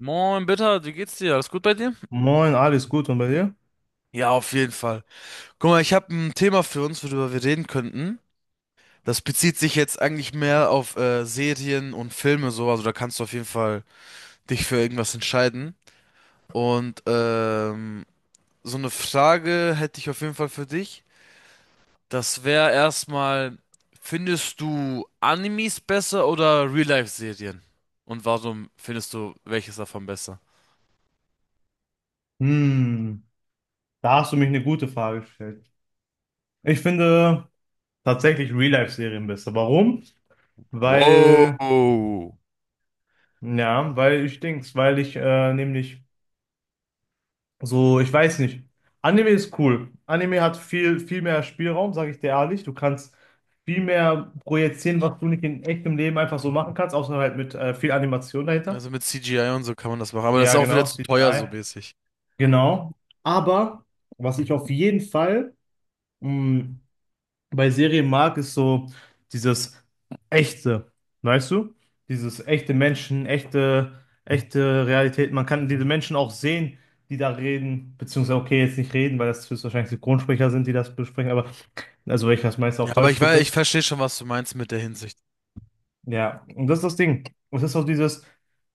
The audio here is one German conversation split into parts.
Moin, Bitter, wie geht's dir? Alles gut bei dir? Moin, alles gut und bei dir? Ja, auf jeden Fall. Guck mal, ich habe ein Thema für uns, worüber wir reden könnten. Das bezieht sich jetzt eigentlich mehr auf Serien und Filme so. Also da kannst du auf jeden Fall dich für irgendwas entscheiden. Und ähm, so eine Frage hätte ich auf jeden Fall für dich. Das wäre erstmal, findest du Animes besser oder Real-Life-Serien? Und warum findest du welches davon besser? Hm, da hast du mich eine gute Frage gestellt. Ich finde tatsächlich Real-Life-Serien besser. Warum? Weil, Wow. ja, weil ich denk's, weil ich nämlich so, ich weiß nicht. Anime ist cool. Anime hat viel, viel mehr Spielraum, sage ich dir ehrlich. Du kannst viel mehr projizieren, was du nicht in echtem Leben einfach so machen kannst, außer halt mit viel Animation dahinter. Also mit CGI und so kann man das machen, aber das ist Ja, auch wieder genau, zu teuer so CGI. mäßig. Genau. Aber was ich auf jeden Fall, mh, bei Serien mag, ist so dieses Echte, weißt du? Dieses echte Menschen, echte, echte Realität. Man kann diese Menschen auch sehen, die da reden, beziehungsweise, okay, jetzt nicht reden, weil das höchstwahrscheinlich Synchronsprecher sind, die das besprechen, aber also weil ich das meiste Ja, auf aber Deutsch ich weiß, ich gucke. verstehe schon, was du meinst mit der Hinsicht. Ja, und das ist das Ding. Und das ist auch dieses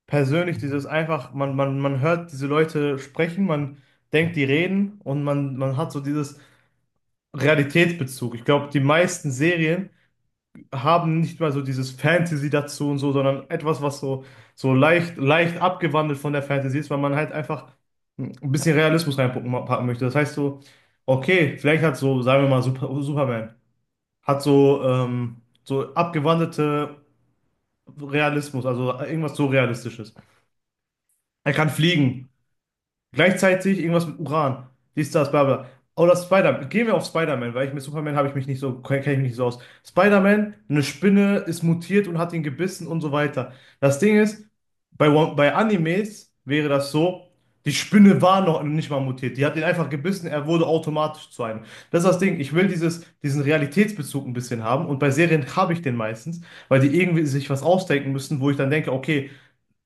persönlich, dieses einfach, man hört diese Leute sprechen, man denkt, die reden und man hat so dieses Realitätsbezug. Ich glaube, die meisten Serien haben nicht mal so dieses Fantasy dazu und so, sondern etwas, was so, so leicht, leicht abgewandelt von der Fantasy ist, weil man halt einfach ein bisschen Realismus reinpacken packen möchte. Das heißt so, okay, vielleicht hat so, sagen wir mal, Super, Superman, hat so, so abgewandelte Realismus, also irgendwas so Realistisches. Er kann fliegen. Gleichzeitig irgendwas mit Uran. Dies, das, bla bla. Oder Spider-Man. Gehen wir auf Spider-Man, weil ich mit Superman habe ich mich nicht so, kenne ich mich nicht so aus. Spider-Man, eine Spinne ist mutiert und hat ihn gebissen und so weiter. Das Ding ist, bei, One- bei Animes wäre das so, die Spinne war noch nicht mal mutiert. Die hat ihn einfach gebissen, er wurde automatisch zu einem. Das ist das Ding. Ich will dieses, diesen Realitätsbezug ein bisschen haben und bei Serien habe ich den meistens, weil die irgendwie sich was ausdenken müssen, wo ich dann denke, okay,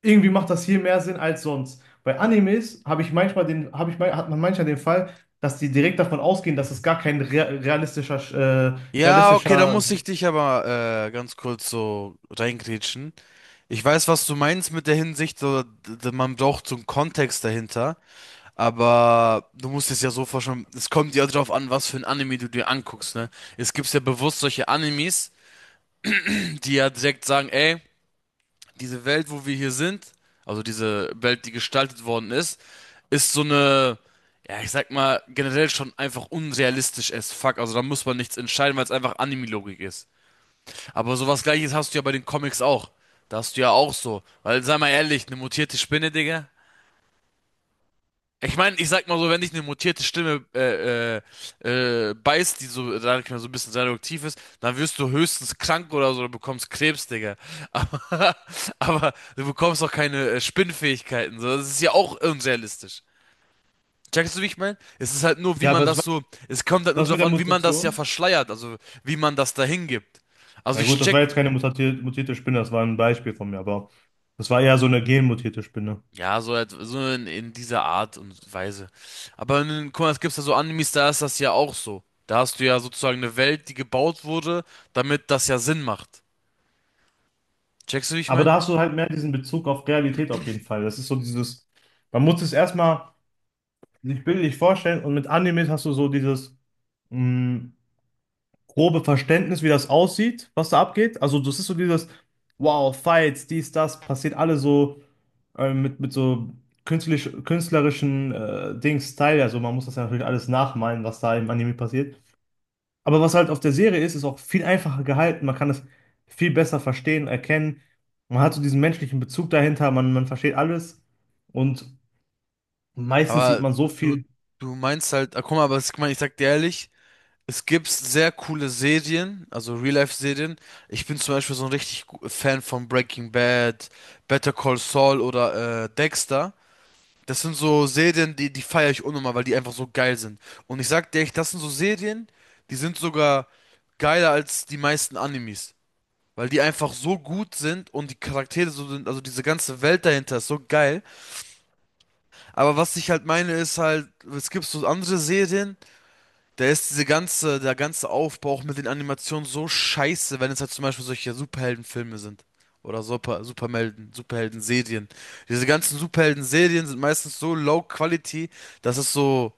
irgendwie macht das hier mehr Sinn als sonst. Bei Animes habe ich manchmal den, habe ich, mein- hat man manchmal den Fall, dass die direkt davon ausgehen, dass es gar kein rea- realistischer, Ja, okay, da realistischer, muss ich dich aber ganz kurz so reingrätschen. Ich weiß, was du meinst mit der Hinsicht, so, man braucht so einen Kontext dahinter, aber du musst es ja so vorstellen, es kommt ja drauf an, was für ein Anime du dir anguckst, ne? Es gibt ja bewusst solche Animes, die ja direkt sagen, ey, diese Welt, wo wir hier sind, also diese Welt, die gestaltet worden ist, ist so eine, ja, ich sag mal, generell schon einfach unrealistisch as fuck. Also da muss man nichts entscheiden, weil es einfach Anime-Logik ist. Aber sowas Gleiches hast du ja bei den Comics auch. Da hast du ja auch so. Weil, sei mal ehrlich, eine mutierte Spinne, Digga. Ich meine, ich sag mal so, wenn dich eine mutierte Stimme beißt, die so, sag ich mal, so ein bisschen seduktiv ist, dann wirst du höchstens krank oder so, du bekommst Krebs, Digga. Aber, aber du bekommst auch keine Spinnfähigkeiten. So. Das ist ja auch unrealistisch. Checkst du, wie ich meine? Es ist halt nur, wie ja, aber man es das war so, es kommt halt nur das mit darauf der an, wie man das ja Mutation. verschleiert, also wie man das dahin gibt. Also Ja ich gut, das check. war jetzt keine mutati- mutierte Spinne, das war ein Beispiel von mir, aber das war eher so eine genmutierte Spinne. Ja, so, so in dieser Art und Weise. Aber in, guck mal, es gibt ja so Animes, da ist das ja auch so. Da hast du ja sozusagen eine Welt, die gebaut wurde, damit das ja Sinn macht. Checkst du, wie ich Aber mein? da hast du halt mehr diesen Bezug auf Realität auf jeden Fall. Das ist so dieses, man muss es erstmal sich bildlich vorstellen und mit Animes hast du so dieses, mm, grobe Verständnis, wie das aussieht, was da abgeht. Also das ist so dieses, wow, Fights, dies, das, passiert alle so mit so künstlich, künstlerischen Dings Style. Also man muss das ja natürlich alles nachmalen, was da im Anime passiert. Aber was halt auf der Serie ist, ist auch viel einfacher gehalten. Man kann es viel besser verstehen, erkennen. Man hat so diesen menschlichen Bezug dahinter, man versteht alles. Und meistens sieht Aber man so du, viel. du meinst halt, ah, guck mal, aber guck mal, ich sag dir ehrlich, es gibt sehr coole Serien, also Real-Life-Serien. Ich bin zum Beispiel so ein richtig Fan von Breaking Bad, Better Call Saul oder Dexter. Das sind so Serien, die feiere ich unnormal, weil die einfach so geil sind. Und ich sag dir echt, das sind so Serien, die sind sogar geiler als die meisten Animes. Weil die einfach so gut sind und die Charaktere so sind, also diese ganze Welt dahinter ist so geil. Aber was ich halt meine, ist halt, es gibt so andere Serien, da ist diese ganze, der ganze Aufbau auch mit den Animationen so scheiße, wenn es halt zum Beispiel solche Superheldenfilme sind. Oder Superhelden-Serien. Diese ganzen Superhelden-Serien sind meistens so low quality, dass es so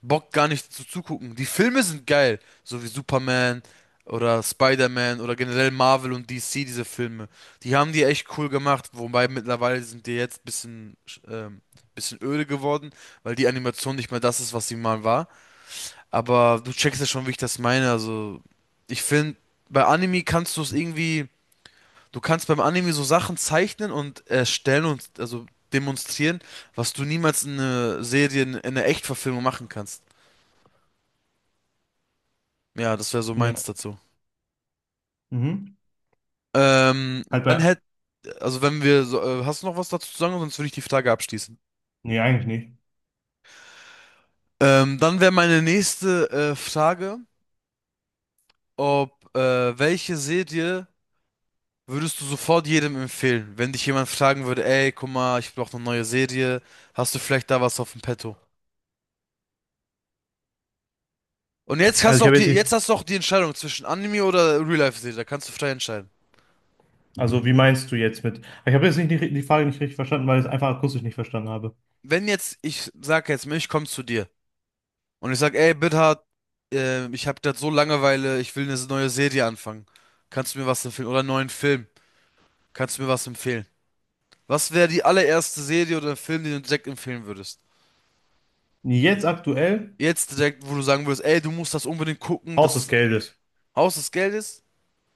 Bock gar nicht zu zugucken. Die Filme sind geil, so wie Superman oder Spider-Man oder generell Marvel und DC, diese Filme. Die haben die echt cool gemacht, wobei mittlerweile sind die jetzt bisschen, ähm, bisschen öde geworden, weil die Animation nicht mehr das ist, was sie mal war. Aber du checkst ja schon, wie ich das meine. Also, ich finde, bei Anime kannst du es irgendwie, du kannst beim Anime so Sachen zeichnen und erstellen und also demonstrieren, was du niemals in einer Serie, in einer Echtverfilmung machen kannst. Ja, das wäre so Ja. meins dazu. Mhm. Ähm, Halt dann bei. hätte, also wenn wir, so, hast du noch was dazu zu sagen, sonst würde ich die Frage abschließen. Nee, eigentlich nicht. Dann wäre meine nächste Frage, ob welche Serie würdest du sofort jedem empfehlen, wenn dich jemand fragen würde, ey, guck mal, ich brauche eine neue Serie, hast du vielleicht da was auf dem Petto? Und jetzt Also hast du ich auch habe jetzt nicht. jetzt hast du auch die Entscheidung zwischen Anime oder Real-Life-Serie, da kannst du frei entscheiden. Also, wie meinst du jetzt mit? Ich habe jetzt nicht die, die Frage nicht richtig verstanden, weil ich es einfach akustisch nicht verstanden habe. Wenn jetzt, ich sag jetzt, ich komm zu dir und ich sag, ey, Bithard, ich hab grad so Langeweile, ich will eine neue Serie anfangen. Kannst du mir was empfehlen? Oder einen neuen Film? Kannst du mir was empfehlen? Was wäre die allererste Serie oder Film, den du direkt empfehlen würdest? Jetzt aktuell Jetzt direkt, wo du sagen würdest, ey, du musst das unbedingt gucken, Haus des das Geldes. Haus des Geldes?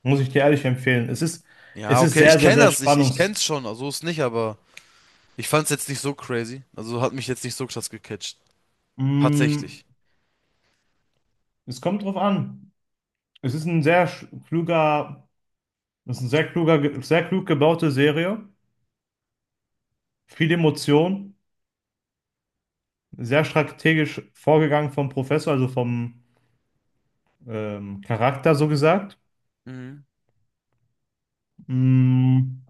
Muss ich dir ehrlich empfehlen. Ja, Es ist okay, ich sehr, sehr, kenne sehr das, ich spannungs. kenn's schon, also ist nicht, aber ich fand's jetzt nicht so crazy. Also hat mich jetzt nicht so krass gecatcht. Mm, Tatsächlich. es kommt drauf an. Es ist ein sehr sch- kluger, es ist ein sehr kluger, ge- sehr klug gebaute Serie. Viel Emotion, sehr strategisch vorgegangen vom Professor, also vom Charakter so gesagt. Mhm. Mm,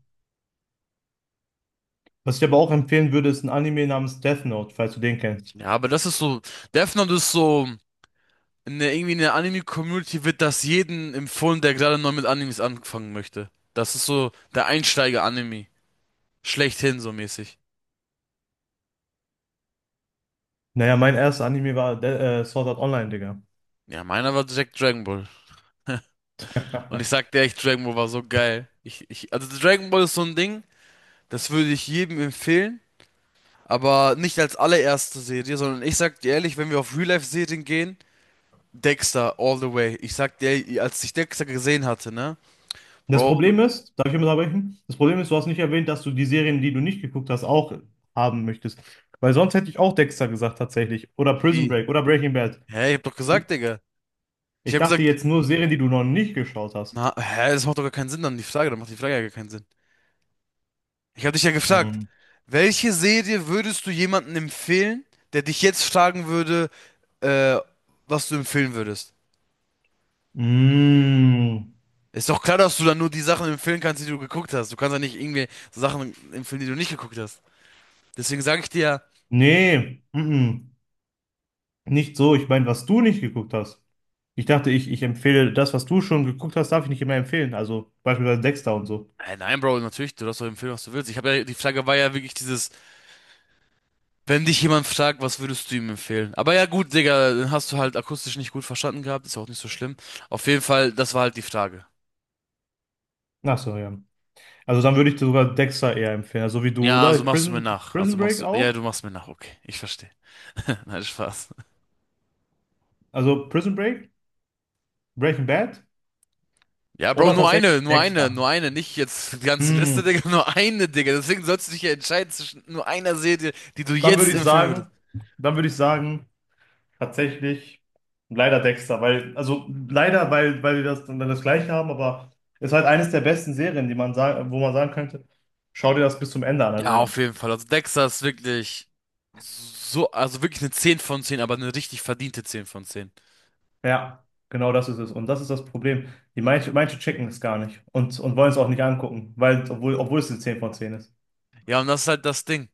was ich aber auch empfehlen würde, ist ein Anime namens Death Note, falls du den kennst. Ja, aber das ist so, Death Note ist so, in der, irgendwie in der Anime-Community wird das jeden empfohlen, der gerade neu mit Animes anfangen möchte. Das ist so der Einsteiger-Anime. Schlechthin so mäßig. Naja, mein erster Anime war Sword Art Online, Digga. Ja, meiner war direkt Dragon Ball. Und ich sag dir echt, Dragon Ball war so geil. Also Dragon Ball ist so ein Ding, das würde ich jedem empfehlen. Aber nicht als allererste Serie, sondern ich sag dir ehrlich, wenn wir auf Real-Life-Serien gehen, Dexter all the way. Ich sag dir, als ich Dexter gesehen hatte, ne? Das Bro, Problem ist, darf ich mal unterbrechen? Das Problem ist, du hast nicht erwähnt, dass du die Serien, die du nicht geguckt hast, auch haben möchtest. Weil sonst hätte ich auch Dexter gesagt, tatsächlich. Oder Prison wie? Break oder Breaking Bad. Hä, ich hab doch Mhm. gesagt, Digga. Ich Ich hab dachte gesagt, jetzt nur Serien, die du noch nicht geschaut hast. na, hä, das macht doch gar keinen Sinn dann, die Frage, dann macht die Frage ja gar keinen Sinn. Ich hab dich ja gefragt, Mhm. welche Serie würdest du jemandem empfehlen, der dich jetzt fragen würde, äh, was du empfehlen würdest? Mm, Ist doch klar, dass du dann nur die Sachen empfehlen kannst, die du geguckt hast. Du kannst ja nicht irgendwie Sachen empfehlen, die du nicht geguckt hast. Deswegen sage ich dir ja. nee, mm. Nicht so. Ich meine, was du nicht geguckt hast. Ich dachte, ich empfehle das, was du schon geguckt hast, darf ich nicht immer empfehlen. Also beispielsweise Dexter und so. Nein, Bro, natürlich, du darfst doch empfehlen, was du willst. Ich habe ja, die Frage war ja wirklich dieses, wenn dich jemand fragt, was würdest du ihm empfehlen? Aber ja, gut, Digga, dann hast du halt akustisch nicht gut verstanden gehabt, ist ja auch nicht so schlimm. Auf jeden Fall, das war halt die Frage. Ach so, ja. Also dann würde ich dir sogar Dexter eher empfehlen, so wie du, Ja, oder? also machst du mir Prison, nach. Also Prison machst Break du, ja, du auch? machst mir nach, okay, ich verstehe. Nein, Spaß. Also Prison Break, Breaking Bad Ja, Bro, oder tatsächlich Dexter? nur eine, nicht jetzt die ganze Liste, Hm, Digga, nur eine, Digga. Deswegen sollst du dich ja entscheiden zwischen nur einer Serie, die du dann würde jetzt ich empfehlen würdest. sagen, dann würde ich sagen, tatsächlich leider Dexter, weil, also leider, weil, weil wir das dann das Gleiche haben, aber ist halt eines der besten Serien, die man sagen, wo man sagen könnte, schau dir das bis zum Ende an. Ja, auf Also, jeden Fall. Also Dexter ist wirklich so, also wirklich eine 10 von 10, aber eine richtig verdiente 10 von 10. ja, genau das ist es. Und das ist das Problem. Die manche, manche checken es gar nicht und wollen es auch nicht angucken, weil, obwohl, obwohl es eine 10 von 10 ist. Ja, und das ist halt das Ding.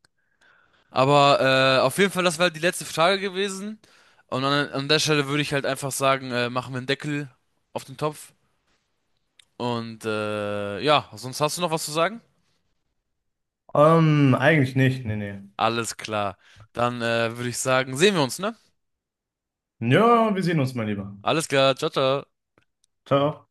Aber auf jeden Fall, das war halt die letzte Frage gewesen. Und an der Stelle würde ich halt einfach sagen, machen wir einen Deckel auf den Topf. Und ja, sonst hast du noch was zu sagen? Eigentlich nicht, nee, nee. Alles klar. Dann würde ich sagen, sehen wir uns, ne? Ja, wir sehen uns mein lieber. Alles klar, ciao, ciao. Ciao.